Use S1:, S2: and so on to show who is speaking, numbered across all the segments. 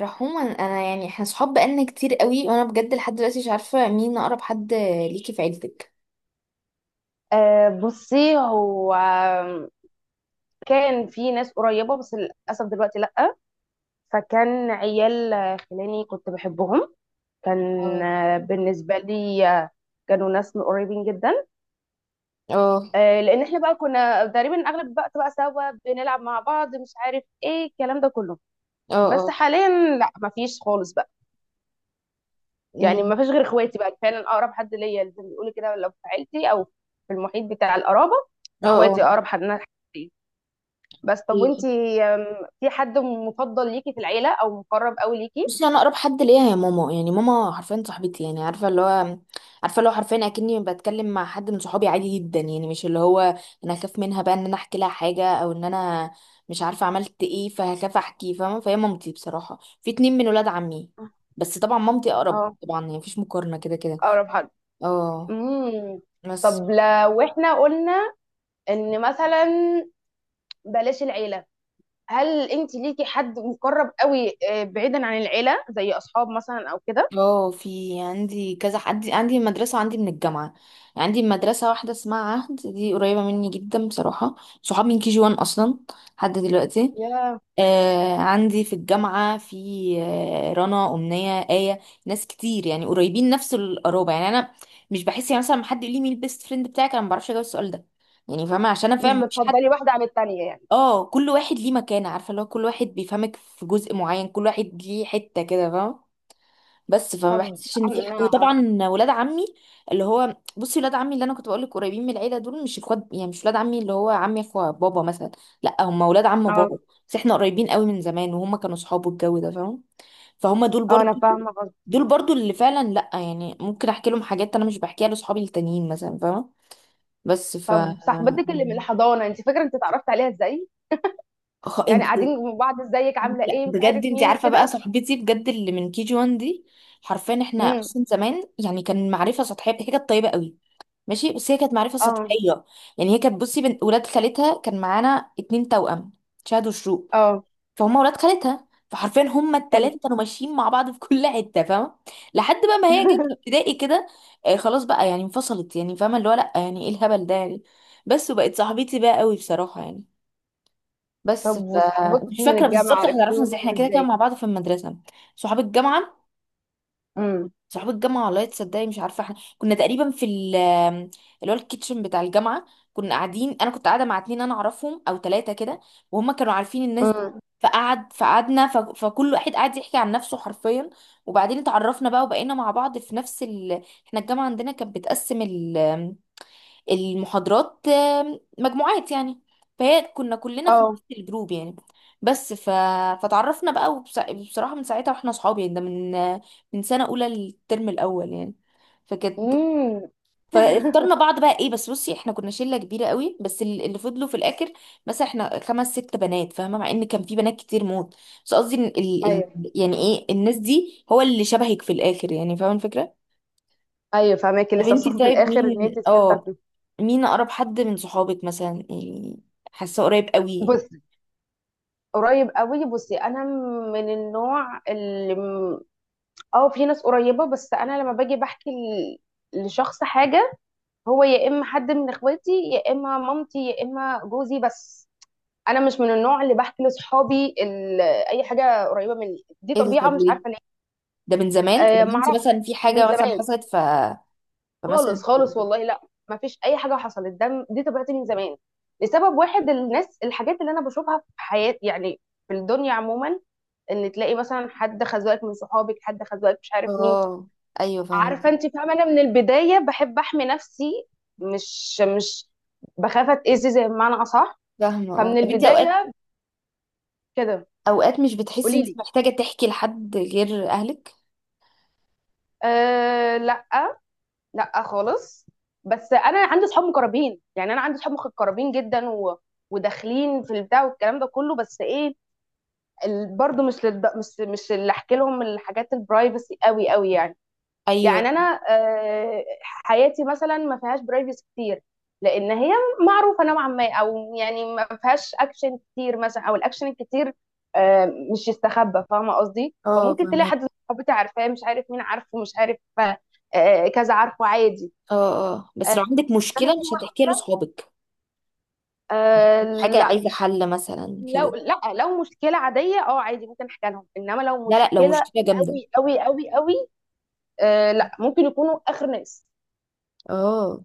S1: رحوما، انا يعني احنا صحاب بقالنا كتير قوي، وانا بجد لحد دلوقتي مش عارفه مين اقرب حد ليكي في عيلتك.
S2: بصي هو كان في ناس قريبة، بس للأسف دلوقتي لأ. فكان عيال خلاني كنت بحبهم كان.
S1: اه.
S2: بالنسبة لي، كانوا ناس قريبين جدا.
S1: اه.
S2: لأن احنا بقى كنا تقريبا أغلب الوقت بقى سوا بنلعب مع بعض، مش عارف ايه الكلام ده كله.
S1: اه.
S2: بس
S1: اه.
S2: حاليا لأ، مفيش خالص بقى. يعني
S1: أمم.
S2: مفيش غير اخواتي بقى فعلا أقرب حد ليا، زي ما بيقولوا كده، لو في عيلتي أو في المحيط بتاع القرابة.
S1: اه. اه.
S2: اخواتي أقرب حد ليا. بس طب
S1: إيه.
S2: وانتي؟ في حد مفضل ليكي في العيلة او مقرب قوي ليكي؟
S1: بصي، انا اقرب حد ليا هي ماما. يعني ماما حرفيا صاحبتي، يعني عارفه اللي هو حرفيا اكني بتكلم مع حد من صحابي عادي جدا. يعني مش اللي هو انا اخاف منها بقى ان انا احكي لها حاجه، او ان انا مش عارفه عملت ايه فهخاف احكي، فاهمه؟ فهي مامتي. بصراحه في اتنين من ولاد عمي، بس طبعا مامتي اقرب
S2: اه،
S1: طبعا، يعني مفيش مقارنه كده كده.
S2: اقرب حد.
S1: اه.
S2: امم.
S1: بس.
S2: طب لو احنا قلنا ان مثلا بلاش العيلة، هل انتي ليكي حد مقرب قوي، بعيدا عن العيلة، زي اصحاب مثلا او كده؟
S1: اه، في عندي كذا حد، عندي عندي مدرسة وعندي من الجامعة. يعني عندي مدرسة واحدة اسمها عهد، دي قريبة مني جدا بصراحة. صحاب من كي جي وان أصلا، لحد دلوقتي.
S2: يا،
S1: آه، عندي في الجامعة في آه، رنا، أمنية، آية. ناس كتير يعني قريبين نفس القرابة. يعني أنا مش بحس، يعني مثلا لما حد يقول لي مين البيست فريند بتاعك، أنا ما بعرفش أجاوب السؤال ده. يعني فاهمة، عشان أنا
S2: مش
S1: فاهمة مفيش حد.
S2: بتفضلي واحدة عن التانية يعني.
S1: اه، كل واحد ليه مكانة. عارفة اللي هو كل واحد بيفهمك في جزء معين، كل واحد ليه حتة كده، فاهمة؟ بس فما
S2: طب
S1: بحسش ان في حق.
S2: انا.
S1: وطبعا ولاد عمي، اللي هو بصي ولاد عمي اللي انا كنت بقول لك قريبين من العيله، دول مش اخوات، يعني مش ولاد عمي اللي هو عمي اخو بابا مثلا، لا هم ولاد عم
S2: اه.
S1: بابا. بس احنا قريبين قوي من زمان، وهم كانوا صحابه، الجو ده فاهم؟ فهم دول
S2: اه، انا
S1: برضو،
S2: فاهمة قصدك.
S1: دول برضو اللي فعلا لا يعني ممكن احكي لهم حاجات انا مش بحكيها لاصحابي التانيين مثلا، فاهمه؟ بس ف
S2: طب صاحبتك اللي من الحضانة، انتي فاكرة انت اتعرفت عليها ازاي؟ يعني
S1: انت.
S2: قاعدين مع بعض، ازيك، عاملة
S1: لا
S2: ايه، مش
S1: بجد،
S2: عارف
S1: انت
S2: مين
S1: عارفه بقى
S2: كده.
S1: صاحبتي بجد اللي من كي جي 1 دي، حرفيا احنا
S2: امم.
S1: اصلا زمان يعني كان معرفه سطحيه حاجه طيبه قوي. ماشي؟ بس هي كانت معرفة
S2: اه.
S1: سطحية. يعني هي كانت بصي بنت ولاد خالتها، كان معانا اتنين توأم، شهد وشروق.
S2: اه.
S1: فهم ولاد خالتها، فحرفيا هما
S2: حلو.
S1: التلاتة كانوا ماشيين مع بعض في كل حتة، فاهمة؟ لحد بقى ما هي جت ابتدائي كده. آه، خلاص بقى يعني انفصلت، يعني فاهمة اللي هو لأ يعني ايه الهبل ده يعني؟ بس وبقت صاحبتي بقى قوي بصراحة يعني.
S2: طب
S1: بس ف.
S2: وصحابك
S1: مش
S2: من
S1: فاكرة
S2: الجامعة
S1: بالظبط احنا عرفنا
S2: عرفتيهم
S1: ازاي، احنا كده كده
S2: ازاي؟
S1: مع بعض في المدرسة. صحاب الجامعة؟
S2: امم.
S1: صحاب الجامعة والله تصدقي مش عارفة. احنا كنا تقريبا في ال... اللي هو الكيتشن بتاع الجامعة، كنا قاعدين، انا كنت قاعدة مع اتنين انا اعرفهم او تلاتة كده، وهم كانوا عارفين الناس دي.
S2: امم.
S1: فقعدنا فكل واحد قعد يحكي عن نفسه حرفيا، وبعدين اتعرفنا بقى وبقينا مع بعض في نفس ال... احنا الجامعة عندنا كانت بتقسم المحاضرات مجموعات يعني، فهي كنا كلنا في
S2: اه.
S1: نفس الجروب يعني. بس ف... فتعرفنا بقى بصراحة من ساعتها واحنا صحاب، يعني ده من من سنة أولى للترم الأول يعني. فكانت،
S2: امم.
S1: فاخترنا بعض بقى ايه. بس بصي احنا كنا شلة كبيرة قوي، بس اللي فضلوا في الآخر مثلا احنا خمس ست بنات، فاهمة؟ مع ان كان في بنات كتير موت، بس قصدي إن
S2: ايوه.
S1: يعني ايه الناس دي هو اللي شبهك في الآخر، يعني فاهمة الفكرة؟
S2: ايوه فاهماكي.
S1: طب
S2: لسه
S1: انتي
S2: وصفه في
S1: طيب
S2: الاخر ان انت
S1: مين،
S2: تفلتر
S1: اه
S2: فيه.
S1: مين اقرب حد من صحابك مثلا يعني؟ حاسه قريب قوي.
S2: بصي، قريب قوي، بصي انا من النوع اللي م- اه في ناس قريبه، بس انا لما باجي بحكي لشخص حاجه، هو يا اما حد من اخواتي يا اما مامتي يا اما جوزي. بس انا مش من النوع اللي بحكي لاصحابي اي حاجه قريبه مني. دي
S1: ايه ده؟
S2: طبيعه،
S1: طب
S2: مش
S1: ليه؟
S2: عارفه.
S1: ده من زمان ولا
S2: ما
S1: انت
S2: اعرفش،
S1: مثلا في
S2: من
S1: حاجه مثلا
S2: زمان.
S1: حصلت؟ ف فمثلا.
S2: خالص خالص والله، لا ما فيش اي حاجه حصلت، ده دي طبيعتي من زمان. لسبب واحد، الناس، الحاجات اللي انا بشوفها في حياتي، يعني في الدنيا عموما، ان تلاقي مثلا حد خزوقك من صحابك، حد خزوقك، مش عارف مين.
S1: اه، ايوه فاهمه.
S2: عارفه انت فاهمه، انا من البدايه بحب احمي نفسي. مش مش بخاف اتاذي زي بمعنى اصح.
S1: فاهمه اه.
S2: فمن
S1: طب انت اوقات،
S2: البدايه كده.
S1: اوقات مش بتحسي
S2: قولي
S1: انت
S2: لي.
S1: محتاجه تحكي لحد غير اهلك؟
S2: أه لا، لا خالص. بس انا عندي صحاب مقربين، يعني انا عندي صحاب مقربين جدا وداخلين في البتاع والكلام ده كله، بس ايه، برضو مش للد... مش مش اللي احكي لهم الحاجات البرايفسي قوي قوي يعني.
S1: ايوه.
S2: يعني انا حياتي مثلا ما فيهاش برايفسي كتير، لان هي معروفه نوعا ما، او يعني ما فيهاش اكشن كتير مثلا، او الاكشن الكتير آه، مش يستخبى، فاهمه قصدي.
S1: اه
S2: فممكن تلاقي
S1: فاهمك.
S2: حد من صحابتي عارفاه، مش عارف مين عارفه، مش عارف كذا، عارفه، عادي.
S1: اه اه، بس
S2: آه،
S1: لو عندك
S2: بس انا
S1: مشكله
S2: في
S1: مش
S2: واحد.
S1: هتحكيها لاصحابك؟
S2: آه
S1: حاجه
S2: لا.
S1: عايزه حل مثلا كده؟
S2: لو مشكله عاديه اه عادي ممكن احكي لهم، انما لو
S1: لا لا، لو
S2: مشكله
S1: مشكله جامده.
S2: قوي قوي قوي قوي، لا ممكن يكونوا اخر ناس.
S1: اه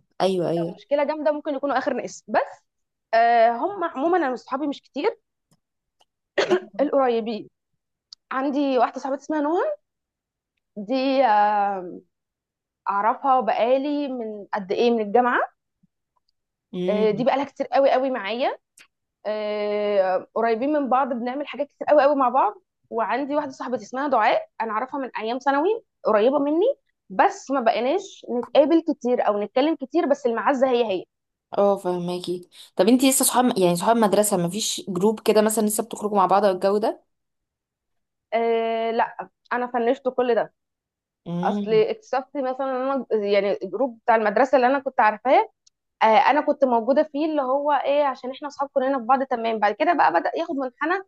S2: لو
S1: ايوه.
S2: مشكله جامده ممكن يكونوا اخر ناس. بس هم عموما انا صحابي مش كتير،
S1: ايوه.
S2: القريبين. عندي واحده صاحبتي اسمها نهى، دي اعرفها بقالي من قد ايه، من الجامعه. دي بقالها كتير قوي قوي معايا. قريبين من بعض، بنعمل حاجات كتير قوي قوي مع بعض. وعندي واحده صاحبتي اسمها دعاء، انا اعرفها من ايام ثانوي، قريبه مني، بس ما بقيناش نتقابل كتير او نتكلم كتير، بس المعزه هي هي.
S1: اه فهماكي. طب انتي لسه صحاب، يعني صحاب مدرسة؟ مفيش جروب كده مثلا لسه بتخرجوا مع بعض او الجو ده؟
S2: أه لا، انا فنشت كل ده. اصل
S1: امم.
S2: اكتشفت مثلا إن انا يعني الجروب بتاع المدرسه اللي انا كنت عارفاه، أه انا كنت موجوده فيه، اللي هو ايه عشان احنا اصحاب كلنا في بعض تمام، بعد كده بقى بدأ ياخد منحنى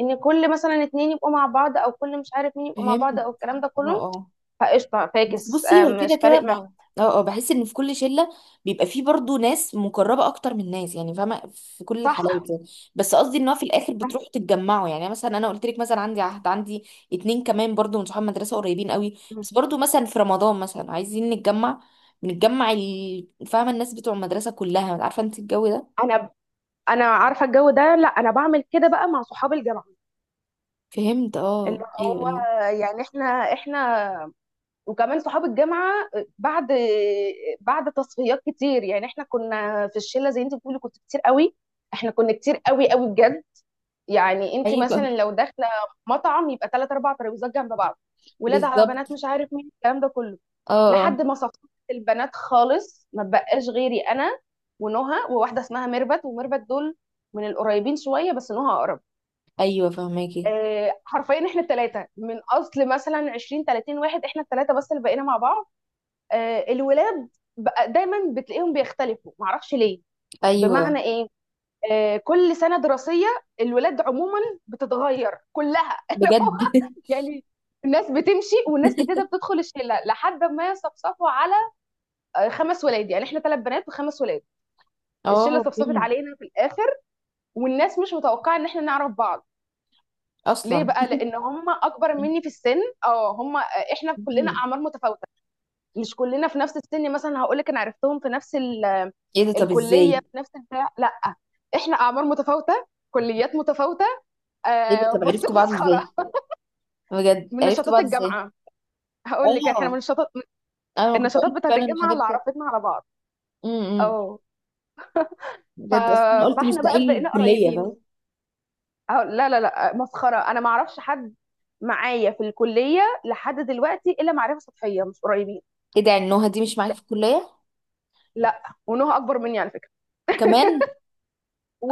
S2: ان كل مثلا اتنين يبقوا مع بعض، او كل مش عارف مين يبقوا مع
S1: فهمت.
S2: بعض، او الكلام ده
S1: اه.
S2: كله.
S1: اه،
S2: فقشطة
S1: بس
S2: فاكس،
S1: بصي هو كده
S2: مش
S1: كده
S2: فارق
S1: اه،
S2: معايا.
S1: اه بحس ان في كل شلة بيبقى فيه برضو ناس مقربة اكتر من ناس، يعني فاهمة؟ في كل
S2: صح.
S1: الحالات يعني. بس قصدي ان هو في الاخر
S2: صح.
S1: بتروحوا تتجمعوا، يعني مثلا انا قلت لك مثلا عندي عهد، عندي اتنين كمان برضو من صحاب مدرسة قريبين قوي،
S2: مم.
S1: بس برضو مثلا في رمضان مثلا عايزين نتجمع، بنتجمع فاهمة؟ الناس بتوع المدرسة كلها، عارفة انت الجو ده.
S2: انا. انا عارفة الجو ده، لا انا بعمل كده بقى مع صحاب الجامعة،
S1: فهمت.
S2: اللي
S1: اه
S2: هو
S1: ايوه.
S2: يعني احنا، احنا وكمان صحاب الجامعة بعد، بعد تصفيات كتير. يعني احنا كنا في الشلة زي انت بتقولي، كنت كتير قوي. احنا كنا كتير قوي قوي بجد، يعني انت
S1: ايوه.
S2: مثلا لو داخلة مطعم يبقى ثلاث اربع ترابيزات جنب بعض، ولاد على
S1: بالظبط.
S2: بنات مش عارف مين الكلام ده كله.
S1: اه اه.
S2: لحد ما صفصفت البنات خالص، ما بقاش غيري انا ونهى وواحده اسمها ميربت، وميربت دول من القريبين شويه بس نهى اقرب.
S1: ايوه فهماكي.
S2: حرفيا احنا الثلاثه من اصل مثلا 20 30 واحد، احنا الثلاثه بس اللي بقينا مع بعض. الولاد بقى دايما بتلاقيهم بيختلفوا، معرفش ليه.
S1: ايوه
S2: بمعنى ايه، كل سنه دراسيه الولاد عموما بتتغير كلها. اللي هو
S1: بجد.
S2: يعني الناس بتمشي والناس جديده بتدخل الشله لحد ما يصفصفوا على خمس ولاد. يعني احنا ثلاث بنات وخمس ولاد، الشله
S1: اه
S2: صفصفت
S1: فهمت.
S2: علينا في الاخر. والناس مش متوقعه ان احنا نعرف بعض. ليه
S1: اصلا.
S2: بقى؟ لان هم اكبر مني في السن. اه هم احنا كلنا
S1: مم.
S2: اعمار متفاوته، مش كلنا في نفس السن. مثلا هقول لك، انا عرفتهم في نفس
S1: ايه ده؟ طب
S2: الكليه،
S1: ازاي؟
S2: في نفس البتاع؟ لا، احنا اعمار متفاوته، كليات متفاوته.
S1: ايه ده؟
S2: آه
S1: طب
S2: بص
S1: عرفتوا بعض
S2: مسخره.
S1: ازاي؟ بجد
S2: من
S1: عرفتوا
S2: نشاطات
S1: بعض ازاي؟
S2: الجامعه. هقول لك احنا من
S1: اه
S2: النشاطات،
S1: انا ما كنت
S2: النشاطات
S1: قلت
S2: بتاعت
S1: فعلا
S2: الجامعه
S1: الحاجات
S2: اللي
S1: بتاعت.
S2: عرفتنا على بعض.
S1: امم.
S2: اه ف...
S1: بجد اصلا أنا قلت
S2: فاحنا بقى
S1: مستحيل
S2: بقينا
S1: الكليه، فاهم؟
S2: قريبين. أه لا لا لا، مسخرة. أنا ما أعرفش حد معايا في الكلية لحد دلوقتي إلا معرفة سطحية، مش قريبين.
S1: ايه ده؟ يعني نهى دي مش معاك في الكليه
S2: لا، ونهى أكبر مني على فكرة.
S1: كمان؟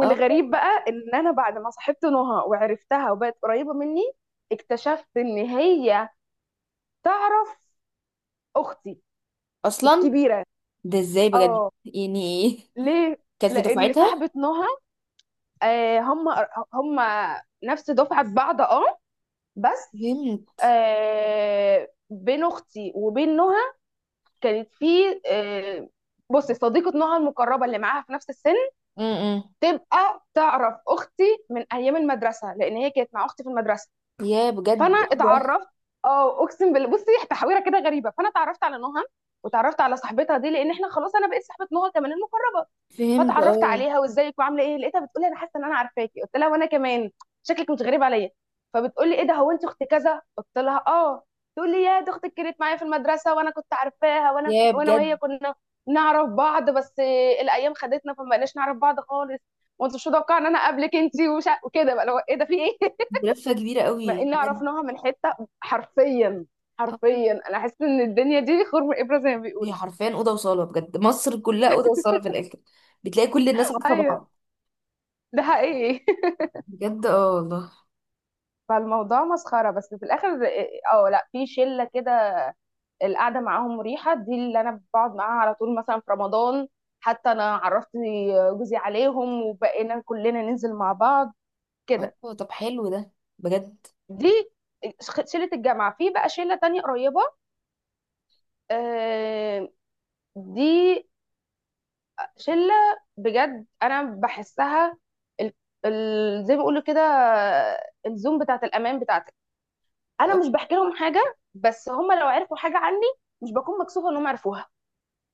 S1: اه
S2: بقى إن أنا بعد ما صاحبت نهى وعرفتها وبقت قريبة مني، اكتشفت إن هي تعرف أختي
S1: اصلا.
S2: الكبيرة.
S1: ده ازاي بجد
S2: اه.
S1: يعني؟ ايه؟
S2: ليه؟
S1: كانت في
S2: لأن
S1: دفعتها.
S2: صاحبة نهى آه هم هم نفس دفعة بعض اه. بس
S1: فهمت.
S2: بين أختي وبين نهى كانت في آه، بصي صديقة نوعها المقربة اللي معاها في نفس السن،
S1: امم.
S2: تبقى تعرف أختي من أيام المدرسة لأن هي كانت مع أختي في المدرسة.
S1: يا بجد.
S2: فأنا اتعرفت، أه أقسم بالله بصي، تحويرة كده غريبة. فأنا اتعرفت على نهى وتعرفت على صاحبتها دي لأن إحنا خلاص، أنا بقيت صاحبة نهى كمان المقربة.
S1: فهمت
S2: فتعرفت
S1: اه.
S2: عليها وازيك وعامله ايه، لقيتها بتقولي انا حاسه ان انا عارفاكي. قلت لها وانا كمان شكلك مش غريب عليا. فبتقولي ايه ده، هو انت اخت كذا؟ قلت لها اه. تقول لي يا دي اختك كانت معايا في المدرسه وانا كنت عارفاها، وانا
S1: يا
S2: وانا وهي
S1: بجد.
S2: كنا نعرف بعض، بس الايام خدتنا فما بقناش نعرف بعض خالص. وانت مش متوقعه ان انا اقابلك انت وكده بقى، لو ايه ده في ايه.
S1: لفة كبيرة
S2: مع
S1: قوي
S2: ان
S1: بجد.
S2: عرفناها من حته، حرفيا.
S1: اه.
S2: حرفيا انا حاسه ان الدنيا دي خرم ابره زي ما
S1: هي
S2: بيقولوا.
S1: حرفيا أوضة وصالة، بجد مصر كلها أوضة وصالة في الآخر، بتلاقي كل الناس عارفة
S2: ايوه
S1: بعض.
S2: ده حقيقي.
S1: بجد اه والله.
S2: فالموضوع مسخرة بس في الآخر. اه، لا في شلة كده، القعدة معاهم مريحة، دي اللي أنا بقعد معاها على طول مثلا في رمضان. حتى أنا عرفت جوزي عليهم وبقينا كلنا ننزل مع بعض كده.
S1: اه طب حلو ده، بجد.
S2: دي شلة الجامعة. في بقى شلة تانية قريبة، آه، دي شلة بجد أنا بحسها ال- زي ما بيقولوا كده الزوم بتاعت الأمان بتاعتي. انا
S1: آه،
S2: مش بحكي لهم حاجه، بس هم لو عرفوا حاجه عني مش بكون مكسوفه انهم عرفوها،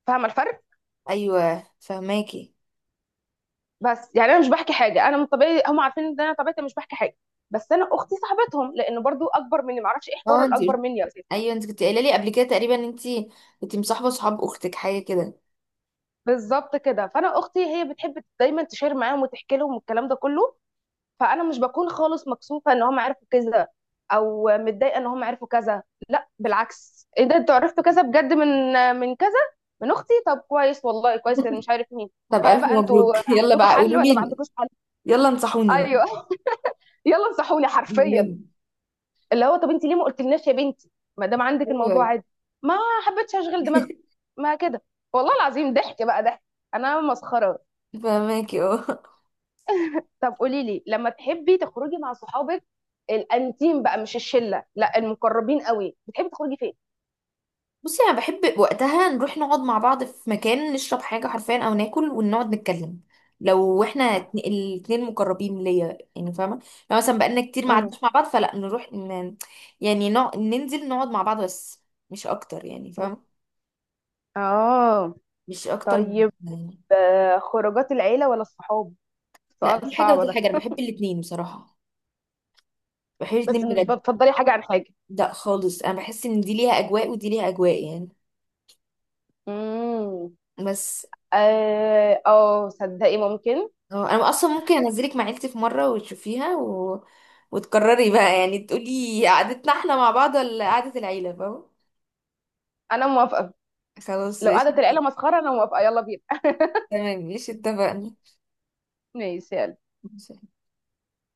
S2: فاهمه الفرق؟
S1: أيوه فهماكي.
S2: بس يعني انا مش بحكي حاجه، انا من طبيعي هم عارفين ان انا طبيعتي مش بحكي حاجه. بس انا اختي صاحبتهم، لانه برضو اكبر مني معرفش ايه حوار
S1: اه انت،
S2: الاكبر مني يا ستي.
S1: أيوه انت كنت قايلة لي قبل كده تقريبا ان انت كنت مصاحبة صحاب أختك حاجة كده.
S2: بالظبط كده، فانا اختي هي بتحب دايما تشير معاهم وتحكي لهم والكلام ده كله، فانا مش بكون خالص مكسوفه ان هم عرفوا كذا، او متضايقه ان هم عرفوا كذا. لا بالعكس، ايه ده انتوا عرفتوا كذا بجد من، من كذا، من اختي؟ طب كويس والله كويس، انا مش عارف مين.
S1: طب
S2: ها
S1: ألف
S2: بقى انتوا
S1: مبروك. يلا
S2: عندكم
S1: بقى
S2: حل
S1: قولوا
S2: ولا ما
S1: لي،
S2: عندكوش حل؟
S1: يلا انصحوني بقى.
S2: ايوه. يلا انصحوني حرفيا،
S1: بجد.
S2: اللي هو طب انت ليه ما قلتلناش يا بنتي، ما دام عندك الموضوع
S1: أيوه.
S2: عادي. ما حبيتش اشغل دماغكم. ما كده والله العظيم، ضحك بقى ضحك، انا مسخره.
S1: فهماكي اه.
S2: طب قولي لي، لما تحبي تخرجي مع صحابك الانتيم بقى، مش الشله لا المقربين قوي، بتحبي تخرجي فين؟
S1: بصي انا بحب وقتها نروح نقعد مع بعض في مكان، نشرب حاجه حرفيا او ناكل ونقعد نتكلم، لو احنا الاتنين مقربين ليا، يعني فاهمه؟ لو مثلا بقالنا كتير ما
S2: امم.
S1: قعدناش مع بعض فلا نروح يعني ننزل نقعد مع بعض بس، مش اكتر يعني، فاهمه؟
S2: اه.
S1: مش اكتر من
S2: طيب.
S1: يعني.
S2: خروجات العيله ولا الصحاب؟
S1: لا
S2: سؤال
S1: دي حاجه
S2: صعب
S1: ودي
S2: ده.
S1: حاجه، انا بحب الاتنين بصراحه، بحب
S2: بس
S1: الاتنين
S2: مش
S1: بجد.
S2: بتفضلي حاجه عن حاجه؟
S1: لا خالص، انا بحس ان دي ليها اجواء ودي ليها اجواء يعني.
S2: امم.
S1: بس
S2: اه صدقي ممكن.
S1: اه، انا اصلا ممكن انزلك مع عيلتي في مره وتشوفيها و... وتكرري بقى، يعني تقولي قعدتنا احنا مع بعض ولا قعده العيله، فاهم؟
S2: انا موافقه.
S1: خلاص
S2: لو
S1: ايش.
S2: قعدت العيله مسخره انا موافقه، يلا بينا.
S1: تمام ايش، اتفقنا.
S2: ماشي، يلا.